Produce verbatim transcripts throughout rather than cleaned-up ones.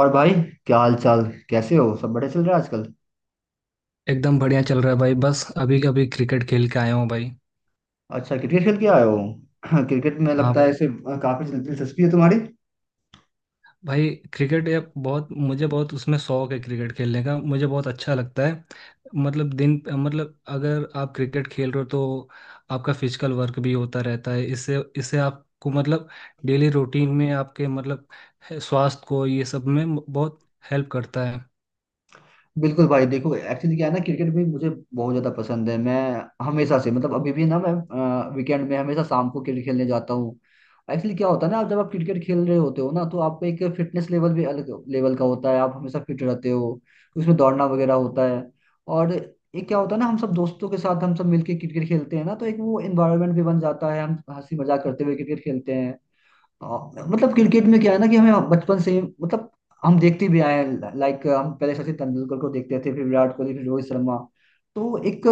और भाई, क्या हाल चाल। कैसे हो, सब बढ़िया चल रहा है आजकल। एकदम बढ़िया चल रहा है भाई। बस अभी अभी क्रिकेट खेल के आया हूँ भाई। अच्छा, क्रिकेट खेल के आए हो। क्रिकेट में हाँ लगता है भाई। ऐसे अ, काफी दिल- दिलचस्पी है तुम्हारी। भाई, क्रिकेट ये बहुत मुझे बहुत उसमें शौक है, क्रिकेट खेलने का मुझे बहुत अच्छा लगता है। मतलब दिन मतलब अगर आप क्रिकेट खेल रहे हो तो आपका फिजिकल वर्क भी होता रहता है, इससे इससे आपको मतलब डेली रूटीन में आपके मतलब स्वास्थ्य को ये सब में बहुत हेल्प करता है। बिल्कुल भाई, देखो एक्चुअली क्या है ना, क्रिकेट भी मुझे बहुत ज्यादा पसंद है। मैं हमेशा से मतलब अभी भी ना मैं वीकेंड में हमेशा शाम को क्रिकेट खेलने जाता हूँ। एक्चुअली क्या होता है ना, आप जब आप क्रिकेट खेल रहे होते हो ना तो आपका एक फिटनेस लेवल भी अलग लेवल का होता है, आप हमेशा फिट रहते हो। उसमें दौड़ना वगैरह होता है। और ये क्या होता है ना, हम सब दोस्तों के साथ हम सब मिलके क्रिकेट खेलते हैं ना, तो एक वो एनवायरनमेंट भी बन जाता है, हम हंसी मजाक करते हुए क्रिकेट खेलते हैं। हाँ, मतलब क्रिकेट में क्या है ना कि हमें बचपन से ही मतलब हम देखते भी आए हैं। लाइक हम पहले सचिन तेंदुलकर को देखते थे, फिर विराट कोहली, फिर रोहित शर्मा। तो एक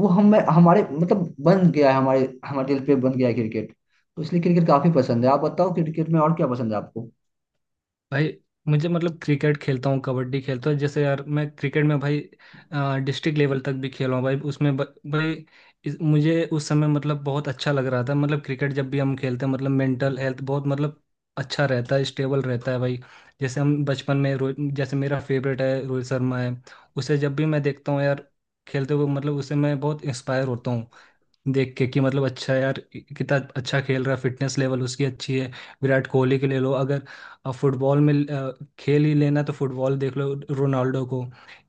वो हम हमारे मतलब बन गया है, हमारे हमारे दिल पे बन गया है क्रिकेट। तो इसलिए क्रिकेट काफी पसंद है। आप बताओ क्रिकेट में और क्या पसंद है आपको। भाई मुझे मतलब क्रिकेट खेलता हूँ कबड्डी खेलता हूँ, जैसे यार मैं क्रिकेट में भाई डिस्ट्रिक्ट लेवल तक भी खेला हूँ भाई उसमें ब- भाई इस, मुझे उस समय मतलब बहुत अच्छा लग रहा था। मतलब क्रिकेट जब भी हम खेलते हैं, मतलब मेंटल हेल्थ बहुत मतलब अच्छा रहता है, स्टेबल रहता है भाई। जैसे हम बचपन में रोहित जैसे मेरा फेवरेट है, रोहित शर्मा है, उसे जब भी मैं देखता हूँ यार खेलते हुए मतलब उससे मैं बहुत इंस्पायर होता हूँ, देख के कि मतलब अच्छा यार कितना अच्छा खेल रहा है, फिटनेस लेवल उसकी अच्छी है। विराट कोहली के ले लो अगर, फुटबॉल में अ, खेल ही लेना तो फुटबॉल देख लो रोनाल्डो को।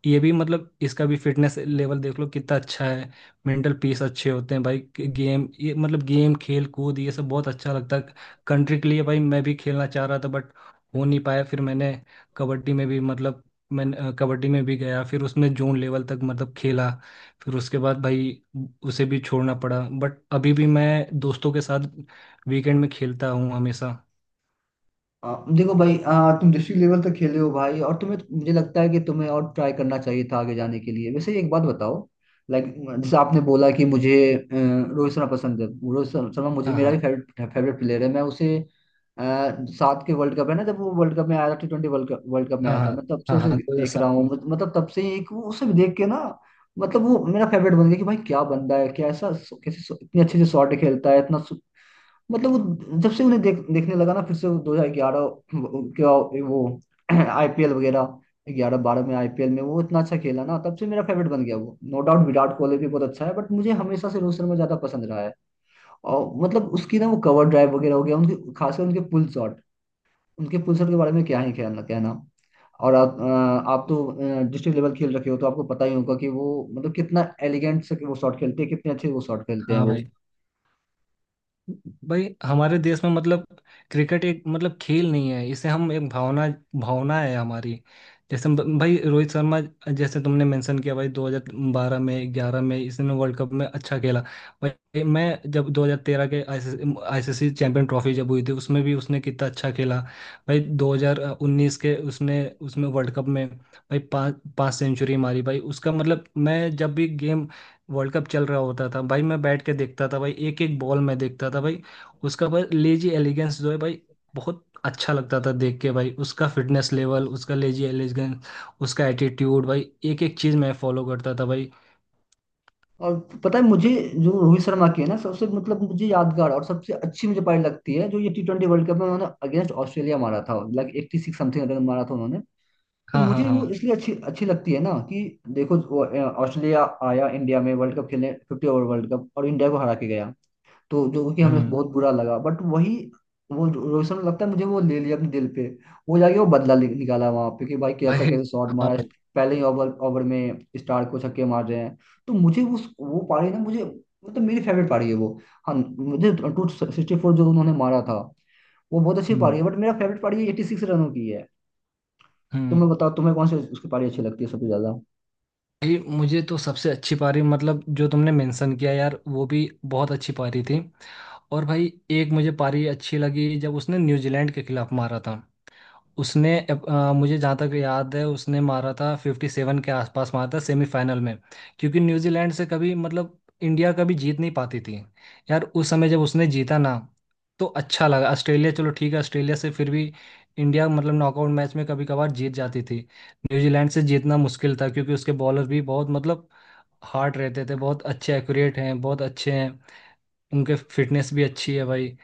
ये भी मतलब इसका भी फिटनेस लेवल देख लो कितना अच्छा है। मेंटल पीस अच्छे होते हैं भाई, गेम ये मतलब गेम खेल कूद ये सब बहुत अच्छा लगता है। कंट्री के लिए भाई मैं भी खेलना चाह रहा था बट हो नहीं पाया। फिर मैंने कबड्डी में भी मतलब, मैं अ, कबड्डी में भी गया, फिर उसमें जोन लेवल तक मतलब खेला। फिर उसके बाद भाई उसे भी छोड़ना पड़ा बट अभी भी मैं दोस्तों के साथ वीकेंड में खेलता हूँ हमेशा। आ, देखो भाई, आ, तुम डिस्ट्रिक्ट लेवल तक खेले हो भाई, और तुम्हें मुझे लगता है कि तुम्हें और ट्राई करना चाहिए था आगे जाने के लिए। वैसे एक बात बताओ, लाइक, जैसे आपने बोला कि मुझे अ, रोहित शर्मा पसंद है। रोहित शर्मा शर्मा मुझे, हाँ मेरा भी हाँ फेवरेट फेवरेट प्लेयर है। मैं उसे अ, सात के वर्ल्ड कप है ना, जब वो वर्ल्ड कप में आया था, T twenty world cup, world cup में हाँ। आया था, हाँ मैं तब से हाँ उसे हाँ, देख रहा दो हज़ार सात हूँ। में। मत- मतलब तब से एक वो- उसे देख के ना, मतलब वो मेरा फेवरेट बन गया कि भाई क्या बंदा है, कैसा कैसे इतने अच्छे से शॉट खेलता है। इतना मतलब, वो जब से उन्हें देख, देखने लगा ना, फिर से दो हजार ग्यारह, क्या, वो, आईपीएल वगैरह, ग्यारह बारह में आईपीएल में वो इतना अच्छा खेला ना, तब से मेरा फेवरेट बन गया वो। नो डाउट, विराट कोहली भी बहुत अच्छा है, बट मुझे हमेशा से रोहित शर्मा ज्यादा पसंद रहा है। और मतलब उसकी ना वो कवर ड्राइव वगैरह हो गया उनके, खासकर उनके पुल शॉट। उनके पुल शॉट के बारे में क्या ही कहना कहना। और आप अ, आप तो डिस्ट्रिक्ट लेवल खेल रखे हो, तो आपको पता ही होगा कि वो मतलब कितना एलिगेंट से वो शॉट खेलते हैं, कितने अच्छे वो शॉट खेलते हैं हाँ वो। भाई। भाई हमारे देश में मतलब क्रिकेट एक मतलब खेल नहीं है, इसे हम एक भावना, भावना है हमारी। जैसे ब- भाई रोहित शर्मा, जैसे तुमने मेंशन किया भाई दो हज़ार बारह में ग्यारह में इसने वर्ल्ड कप में अच्छा खेला। भाई मैं जब दो हज़ार तेरह के आईसीसी चैंपियन ट्रॉफी जब हुई थी उसमें भी उसने कितना अच्छा खेला। भाई दो हज़ार उन्नीस के उसने उसमें वर्ल्ड कप में भाई पाँच पाँच सेंचुरी मारी भाई। उसका मतलब मैं जब भी गेम, वर्ल्ड कप चल रहा होता था भाई मैं बैठ के देखता था भाई, एक एक बॉल मैं देखता था भाई। उसका भाई लेजी एलिगेंस जो है भाई बहुत अच्छा लगता था देख के भाई, उसका फिटनेस लेवल उसका लेजी एलिगेंस उसका एटीट्यूड भाई, एक एक चीज़ मैं फॉलो करता था भाई। और पता है मुझे, जो रोहित शर्मा की है ना, सबसे मतलब मुझे यादगार और सबसे अच्छी मुझे पारी लगती है, जो ये टी ट्वेंटी वर्ल्ड कप में उन्होंने अगेंस्ट ऑस्ट्रेलिया मारा था, like eighty six something run मारा था उन्होंने। तो हाँ हाँ मुझे हाँ। वो इसलिए अच्छी अच्छी लगती है ना कि देखो वो, अ, ऑस्ट्रेलिया आया इंडिया में वर्ल्ड कप खेलने, फिफ्टी ओवर वर्ल्ड कप, और इंडिया को हरा के गया। तो जो कि हमें हम्म। बहुत बुरा लगा, बट वही वो रोहित शर्मा लगता है मुझे, वो ले लिया अपने दिल पे। वो जाके वो बदला नि- निकाला वहां पे कि भाई भाई। कैसा कैसे शॉट हाँ मारा। भाई। पहले ही ओवर ओवर में स्टार को छक्के मार रहे हैं। तो मुझे उस वो पारी ना, मुझे मतलब, तो मेरी फेवरेट पारी है वो। हाँ, मुझे टू सिक्सटी फोर जो उन्होंने मारा था वो बहुत अच्छी पारी है, हम्म। बट मेरा फेवरेट पारी एटी सिक्स रनों की है। हम्म। तुम्हें बताओ, तुम्हें कौन सी उसकी पारी अच्छी लगती है सबसे ज्यादा। भाई मुझे तो सबसे अच्छी पारी मतलब जो तुमने मेंशन किया यार वो भी बहुत अच्छी पारी थी। और भाई एक मुझे पारी अच्छी लगी जब उसने न्यूजीलैंड के खिलाफ मारा था। उसने अ, मुझे जहाँ तक याद है उसने मारा था फिफ्टी सेवन के आसपास, मारा था सेमीफाइनल में। क्योंकि न्यूजीलैंड से कभी मतलब इंडिया कभी जीत नहीं पाती थी यार। उस समय जब उसने जीता ना तो अच्छा लगा। ऑस्ट्रेलिया, चलो ठीक है ऑस्ट्रेलिया से फिर भी इंडिया मतलब नॉकआउट मैच में कभी कभार जीत जाती थी। न्यूजीलैंड से जीतना मुश्किल था, क्योंकि उसके बॉलर भी बहुत मतलब हार्ड रहते थे, बहुत अच्छे एक्यूरेट हैं, बहुत अच्छे हैं, उनके फिटनेस भी अच्छी है भाई।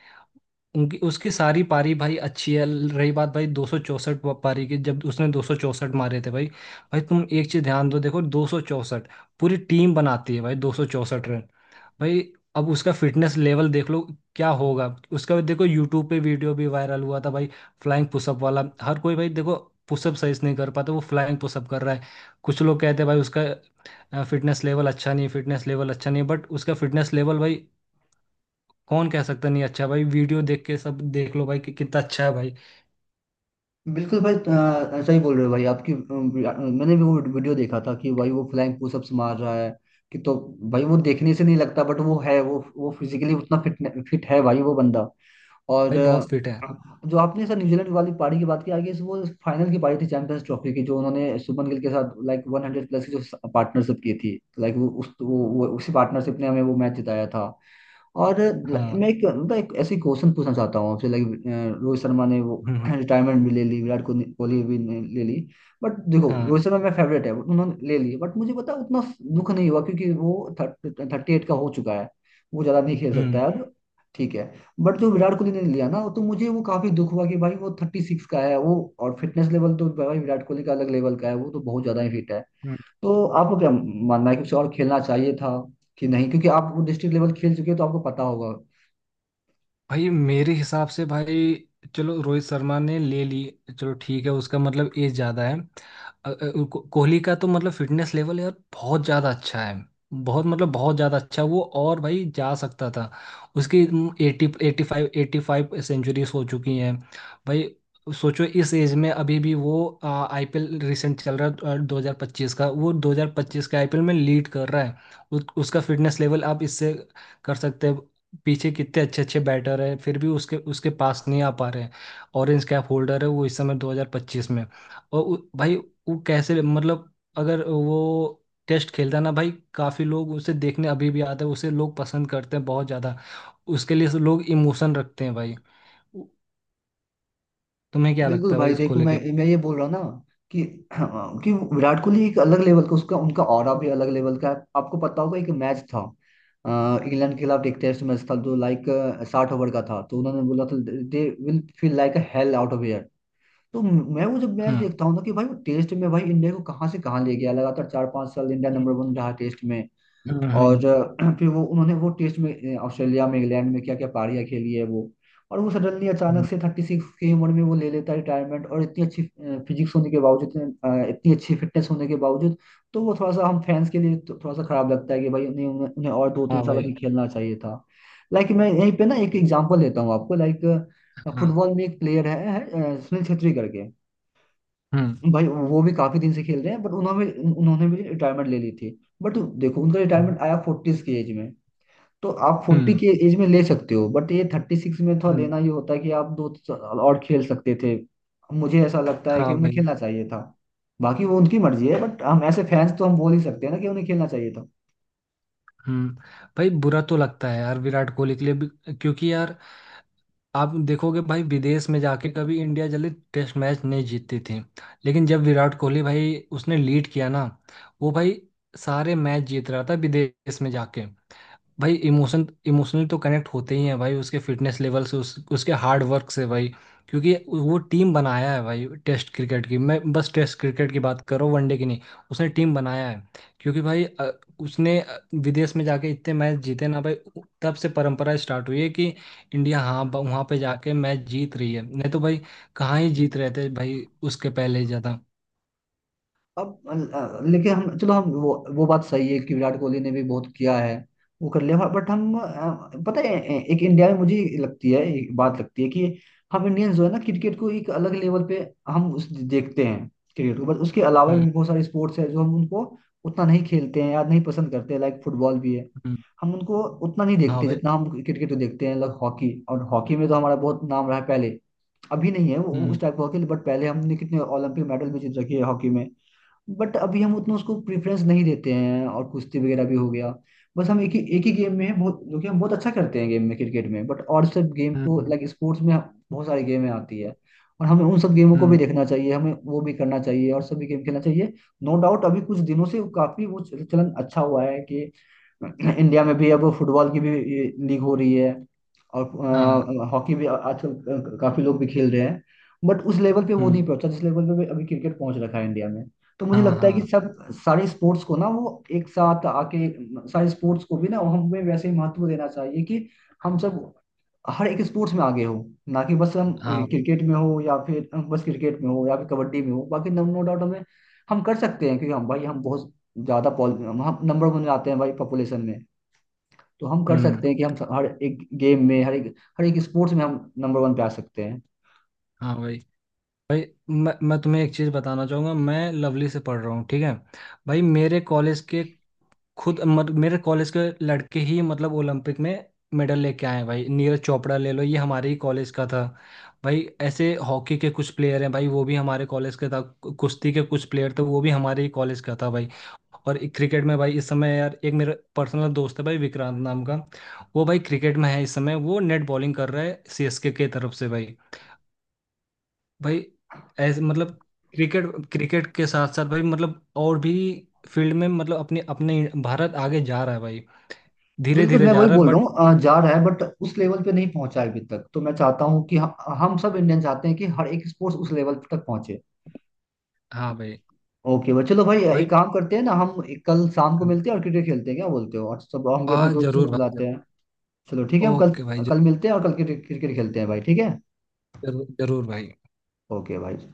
उनकी उसकी सारी पारी भाई अच्छी है। रही बात भाई दो सौ चौसठ पारी की, जब उसने दो सौ चौसठ मारे थे भाई। भाई तुम एक चीज ध्यान दो, देखो दो सौ चौसठ पूरी टीम बनाती है भाई, दो सौ चौसठ रन। भाई, अब उसका फिटनेस लेवल देख लो क्या होगा। उसका भी देखो, यूट्यूब पे वीडियो भी वायरल हुआ था भाई, फ्लाइंग पुशअप वाला। हर कोई भाई देखो, पुशअप सही से नहीं कर पाता, वो फ्लाइंग पुशअप कर रहा है। कुछ लोग कहते हैं भाई उसका फिटनेस लेवल अच्छा नहीं, फिटनेस लेवल अच्छा नहीं, बट उसका फिटनेस लेवल भाई कौन कह सकता नहीं अच्छा। भाई वीडियो देख के सब देख लो भाई कि कितना अच्छा है भाई। बिल्कुल भाई, अ, ऐसा ही बोल रहे हो भाई। आपकी अ, मैंने भी वो वीडियो देखा था कि भाई वो फ्लाइंग पुशअप्स मार रहा है, कि तो भाई वो देखने से नहीं लगता बट वो है, वो वो फिजिकली उतना फिट फिट है भाई वो बंदा। और भाई बहुत फिट है। अ, जो आपने सर न्यूजीलैंड वाली पारी की बात की, आगे इस वो फाइनल की पारी थी चैंपियंस ट्रॉफी की, जो उन्होंने शुभमन गिल के साथ लाइक वन हंड्रेड प्लस की जो पार्टनरशिप की थी, लाइक वो उस वो, वो उसी पार्टनरशिप ने हमें वो मैच जिताया था। और ल- मैं हाँ। एक मैं एक ऐसी क्वेश्चन पूछना चाहता हूँ आपसे, लाइक रोहित शर्मा ने वो हम्म हम्म। रिटायरमेंट भी ले ली, विराट कोहली कोहली भी ने ले ली। बट देखो, रोहित हाँ। शर्मा मेरा फेवरेट है, but उन्होंने ले ली, बट मुझे पता है, उतना दुख नहीं हुआ क्योंकि वो थर्टी एट का हो चुका है, वो ज़्यादा नहीं खेल सकता हम्म। है अब, ठीक है। बट जो विराट कोहली ने लिया ना, तो मुझे वो काफ़ी दुख हुआ कि भाई वो थर्टी सिक्स का है वो, और फिटनेस लेवल तो भाई विराट कोहली का अलग लेवल का है, वो तो बहुत ज़्यादा ही फिट है। हम्म। तो आपको क्या मानना है कि उसे और खेलना चाहिए था कि नहीं, क्योंकि आप वो डिस्ट्रिक्ट लेवल खेल चुके हैं तो आपको पता होगा। भाई मेरे हिसाब से भाई, चलो रोहित शर्मा ने ले ली, चलो ठीक है उसका मतलब एज ज़्यादा है। अ, अ, को- कोहली का तो मतलब फिटनेस लेवल यार बहुत ज़्यादा अच्छा है, बहुत मतलब बहुत ज़्यादा अच्छा है वो, और भाई जा सकता था। उसकी eighty eighty five eighty five centuries हो चुकी हैं भाई। सोचो इस एज में अभी भी वो, आईपीएल रिसेंट चल रहा है दो हज़ार पच्चीस का, वो दो हज़ार पच्चीस का आईपीएल में लीड कर रहा है। उस- उसका फिटनेस लेवल आप इससे कर सकते हैं, पीछे कितने अच्छे अच्छे बैटर हैं फिर भी उसके उसके पास नहीं आ पा रहे हैं। ऑरेंज कैप होल्डर है वो इस समय दो हज़ार पच्चीस में। और उ- भाई वो कैसे मतलब, अगर वो टेस्ट खेलता है ना भाई, काफ़ी लोग उसे देखने अभी भी आते हैं, उसे लोग पसंद करते हैं बहुत ज़्यादा, उसके लिए से लोग इमोशन रखते हैं भाई। उ- तुम्हें क्या बिल्कुल लगता है भाई भाई, इसको देखो मैं लेके। मैं ये बोल रहा हूँ ना कि कि विराट कोहली एक अलग लेवल का, उसका उनका ऑरा भी अलग लेवल का है। आपको पता होगा, एक मैच था अ, इंग्लैंड के खिलाफ, एक टेस्ट मैच था जो लाइक साठ ओवर का था, तो उन्होंने बोला था, they will feel like a hell out of air. तो मैं वो जब मैच हम्म देखता हूँ ना, कि भाई वो टेस्ट में भाई इंडिया को कहाँ से कहाँ ले गया। लगातार चार पांच साल इंडिया नंबर हम्म। वन रहा टेस्ट में। और हम्म अ, फिर वो उन्होंने वो टेस्ट में अ, ऑस्ट्रेलिया में, इंग्लैंड में क्या क्या पारियां खेली है वो। और वो सडनली अचानक हम्म। से थर्टी सिक्स की उम्र में वो ले लेता है रिटायरमेंट, और इतनी अच्छी फिजिक्स होने के बावजूद, इतने, अ, इतनी अच्छी फिटनेस होने के बावजूद। तो वो थोड़ा सा हम फैंस के लिए तो थोड़ा सा खराब लगता है कि भाई उन्हें उन्हें उन्हें और दो तीन हाँ साल अभी भाई। खेलना चाहिए था। लाइक मैं यहीं पे ना एक एग्जांपल लेता हूँ आपको, लाइक हाँ। फुटबॉल में एक प्लेयर है, है अ, सुनील छेत्री करके। हम्म भाई वो भी काफी दिन से खेल रहे हैं, बट उन्होंने उन्होंने भी रिटायरमेंट ले ली थी। बट देखो उनका हम्म। रिटायरमेंट आया फोर्टीज की एज में। तो आप फोर्टी हम्म। की एज में ले सकते हो, बट ये थर्टी सिक्स में थोड़ा लेना, ये होता है कि आप दो साल और खेल सकते थे। मुझे ऐसा लगता है कि हाँ उन्हें भाई। खेलना चाहिए था। बाकी वो उनकी मर्जी है, बट हम ऐसे फैंस तो हम बोल ही सकते हैं ना कि उन्हें खेलना चाहिए था। हम्म। भाई बुरा तो लगता है यार विराट कोहली के लिए भी, क्योंकि यार आप देखोगे भाई विदेश में जाके कभी इंडिया जल्दी टेस्ट मैच नहीं जीतती थी। लेकिन जब विराट कोहली भाई उसने लीड किया ना, वो भाई सारे मैच जीत रहा था विदेश में जाके भाई। इमोशन इमोशनली तो कनेक्ट होते ही हैं भाई उसके फिटनेस लेवल से, उस, उसके हार्ड वर्क से भाई। क्योंकि वो टीम बनाया है भाई टेस्ट क्रिकेट की, मैं बस टेस्ट क्रिकेट की बात करो वनडे की नहीं। उसने टीम बनाया है, क्योंकि भाई अ, उसने अ, विदेश में जाके इतने मैच जीते ना भाई। उ- तब से परंपरा स्टार्ट हुई है कि इंडिया, हाँ, ब- वहाँ पे जाके मैच जीत रही है, नहीं तो भाई कहाँ ही जीत रहे थे भाई उसके पहले ज़्यादा। अब अ, लेकिन, हम चलो, हम वो वो बात सही है कि विराट कोहली ने भी बहुत किया है, वो कर लिया। बट हम अ, पता है, ए- एक इंडिया में मुझे लगती है एक बात लगती है कि हम इंडियंस जो है ना, क्रिकेट को एक अलग लेवल पे हम उस देखते हैं क्रिकेट को, बट उसके अलावा हम्म भी बहुत सारे स्पोर्ट्स है जो हम उनको उतना नहीं खेलते हैं या नहीं पसंद करते हैं। लाइक फुटबॉल भी है, हम्म। हम उनको उतना नहीं हाँ देखते भाई। जितना हम क्रिकेट को देखते हैं। लाइक हॉकी, और हॉकी में तो हमारा बहुत नाम रहा है पहले। अभी नहीं है वो, वो उस हम्म टाइप का हॉकी, बट पहले हमने कितने ओलंपिक मेडल भी जीत रखे हैं हॉकी में। बट अभी हम उतना उसको प्रेफरेंस नहीं देते हैं, और कुश्ती वगैरह भी हो गया। बस हम एक ही एक ही गेम में हैं बहुत, जो कि हम बहुत अच्छा करते हैं गेम में, क्रिकेट में, बट और सब गेम हम्म। को हम्म लाइक स्पोर्ट्स में बहुत सारी गेमें आती है। और हमें उन सब गेमों हम्म। को भी हम्म। देखना चाहिए, हमें वो भी करना चाहिए और सभी गेम खेलना चाहिए। नो डाउट, अभी कुछ दिनों से काफी वो चल- चलन अच्छा हुआ है कि इंडिया में भी अब फुटबॉल की भी लीग हो रही है, हाँ। और हॉकी भी आजकल काफी लोग भी खेल रहे हैं। बट उस लेवल पे वो हम्म। नहीं पहुंचा जिस लेवल पे अभी क्रिकेट पहुंच रखा है इंडिया में। तो मुझे हाँ लगता है कि हाँ। सब सारे स्पोर्ट्स को ना वो एक साथ आके, सारे स्पोर्ट्स को भी ना हमें वैसे ही महत्व देना चाहिए कि हम सब हर एक स्पोर्ट्स में आगे हो, ना कि बस हम हाँ भाई। क्रिकेट में हो, या फिर बस क्रिकेट में हो, या फिर कबड्डी में हो। बाकी नो, नो डाउट हमें, हम कर सकते हैं क्योंकि हम भाई हम बहुत ज्यादा पॉल, हम नंबर वन आते हैं भाई पॉपुलेशन में। तो हम कर हम्म। सकते हैं कि हम हर एक गेम में, हर एक हर एक स्पोर्ट्स में हम नंबर वन पे आ सकते हैं। हाँ भाई। भाई मैं मैं तुम्हें एक चीज़ बताना चाहूँगा, मैं लवली से पढ़ रहा हूँ, ठीक है। भाई मेरे कॉलेज के, खुद मत, मेरे कॉलेज के लड़के ही मतलब ओलंपिक में मेडल लेके आए हैं भाई। नीरज चोपड़ा ले लो, ये हमारे ही कॉलेज का था भाई। ऐसे हॉकी के कुछ प्लेयर हैं भाई, वो भी हमारे कॉलेज का था। कु- कुश्ती के कुछ प्लेयर थे, वो भी हमारे ही कॉलेज का था भाई। और क्रिकेट में भाई इस समय यार एक मेरा पर्सनल दोस्त है भाई विक्रांत नाम का, वो भाई क्रिकेट में है इस समय, वो नेट बॉलिंग कर रहा है सीएसके के तरफ से भाई। भाई ऐसे मतलब क्रिकेट, क्रिकेट के साथ साथ भाई मतलब और भी फील्ड में मतलब अपने अपने भारत आगे जा रहा है भाई, धीरे बिल्कुल, धीरे मैं जा वही रहा है बोल रहा बट। हूँ, अ, जा रहा है बट उस लेवल पे नहीं पहुंचा है अभी तक। तो मैं चाहता हूँ कि हम, हम सब इंडियन चाहते हैं कि हर एक स्पोर्ट्स उस लेवल तक पहुंचे। हाँ भाई। ओके भाई, चलो भाई, एक भाई। काम करते हैं ना, हम एक कल शाम को मिलते हैं और क्रिकेट खेलते हैं, क्या बोलते हो, और सब हम भी आ। अपने दोस्तों को जरूर भाई बुलाते जरूर। हैं। चलो ठीक है, हम कल ओके भाई। कल मिलते हैं और कल क्रिकेट क्रिकेट खेलते हैं भाई, ठीक है। जरूर जरूर भाई। ओके भाई।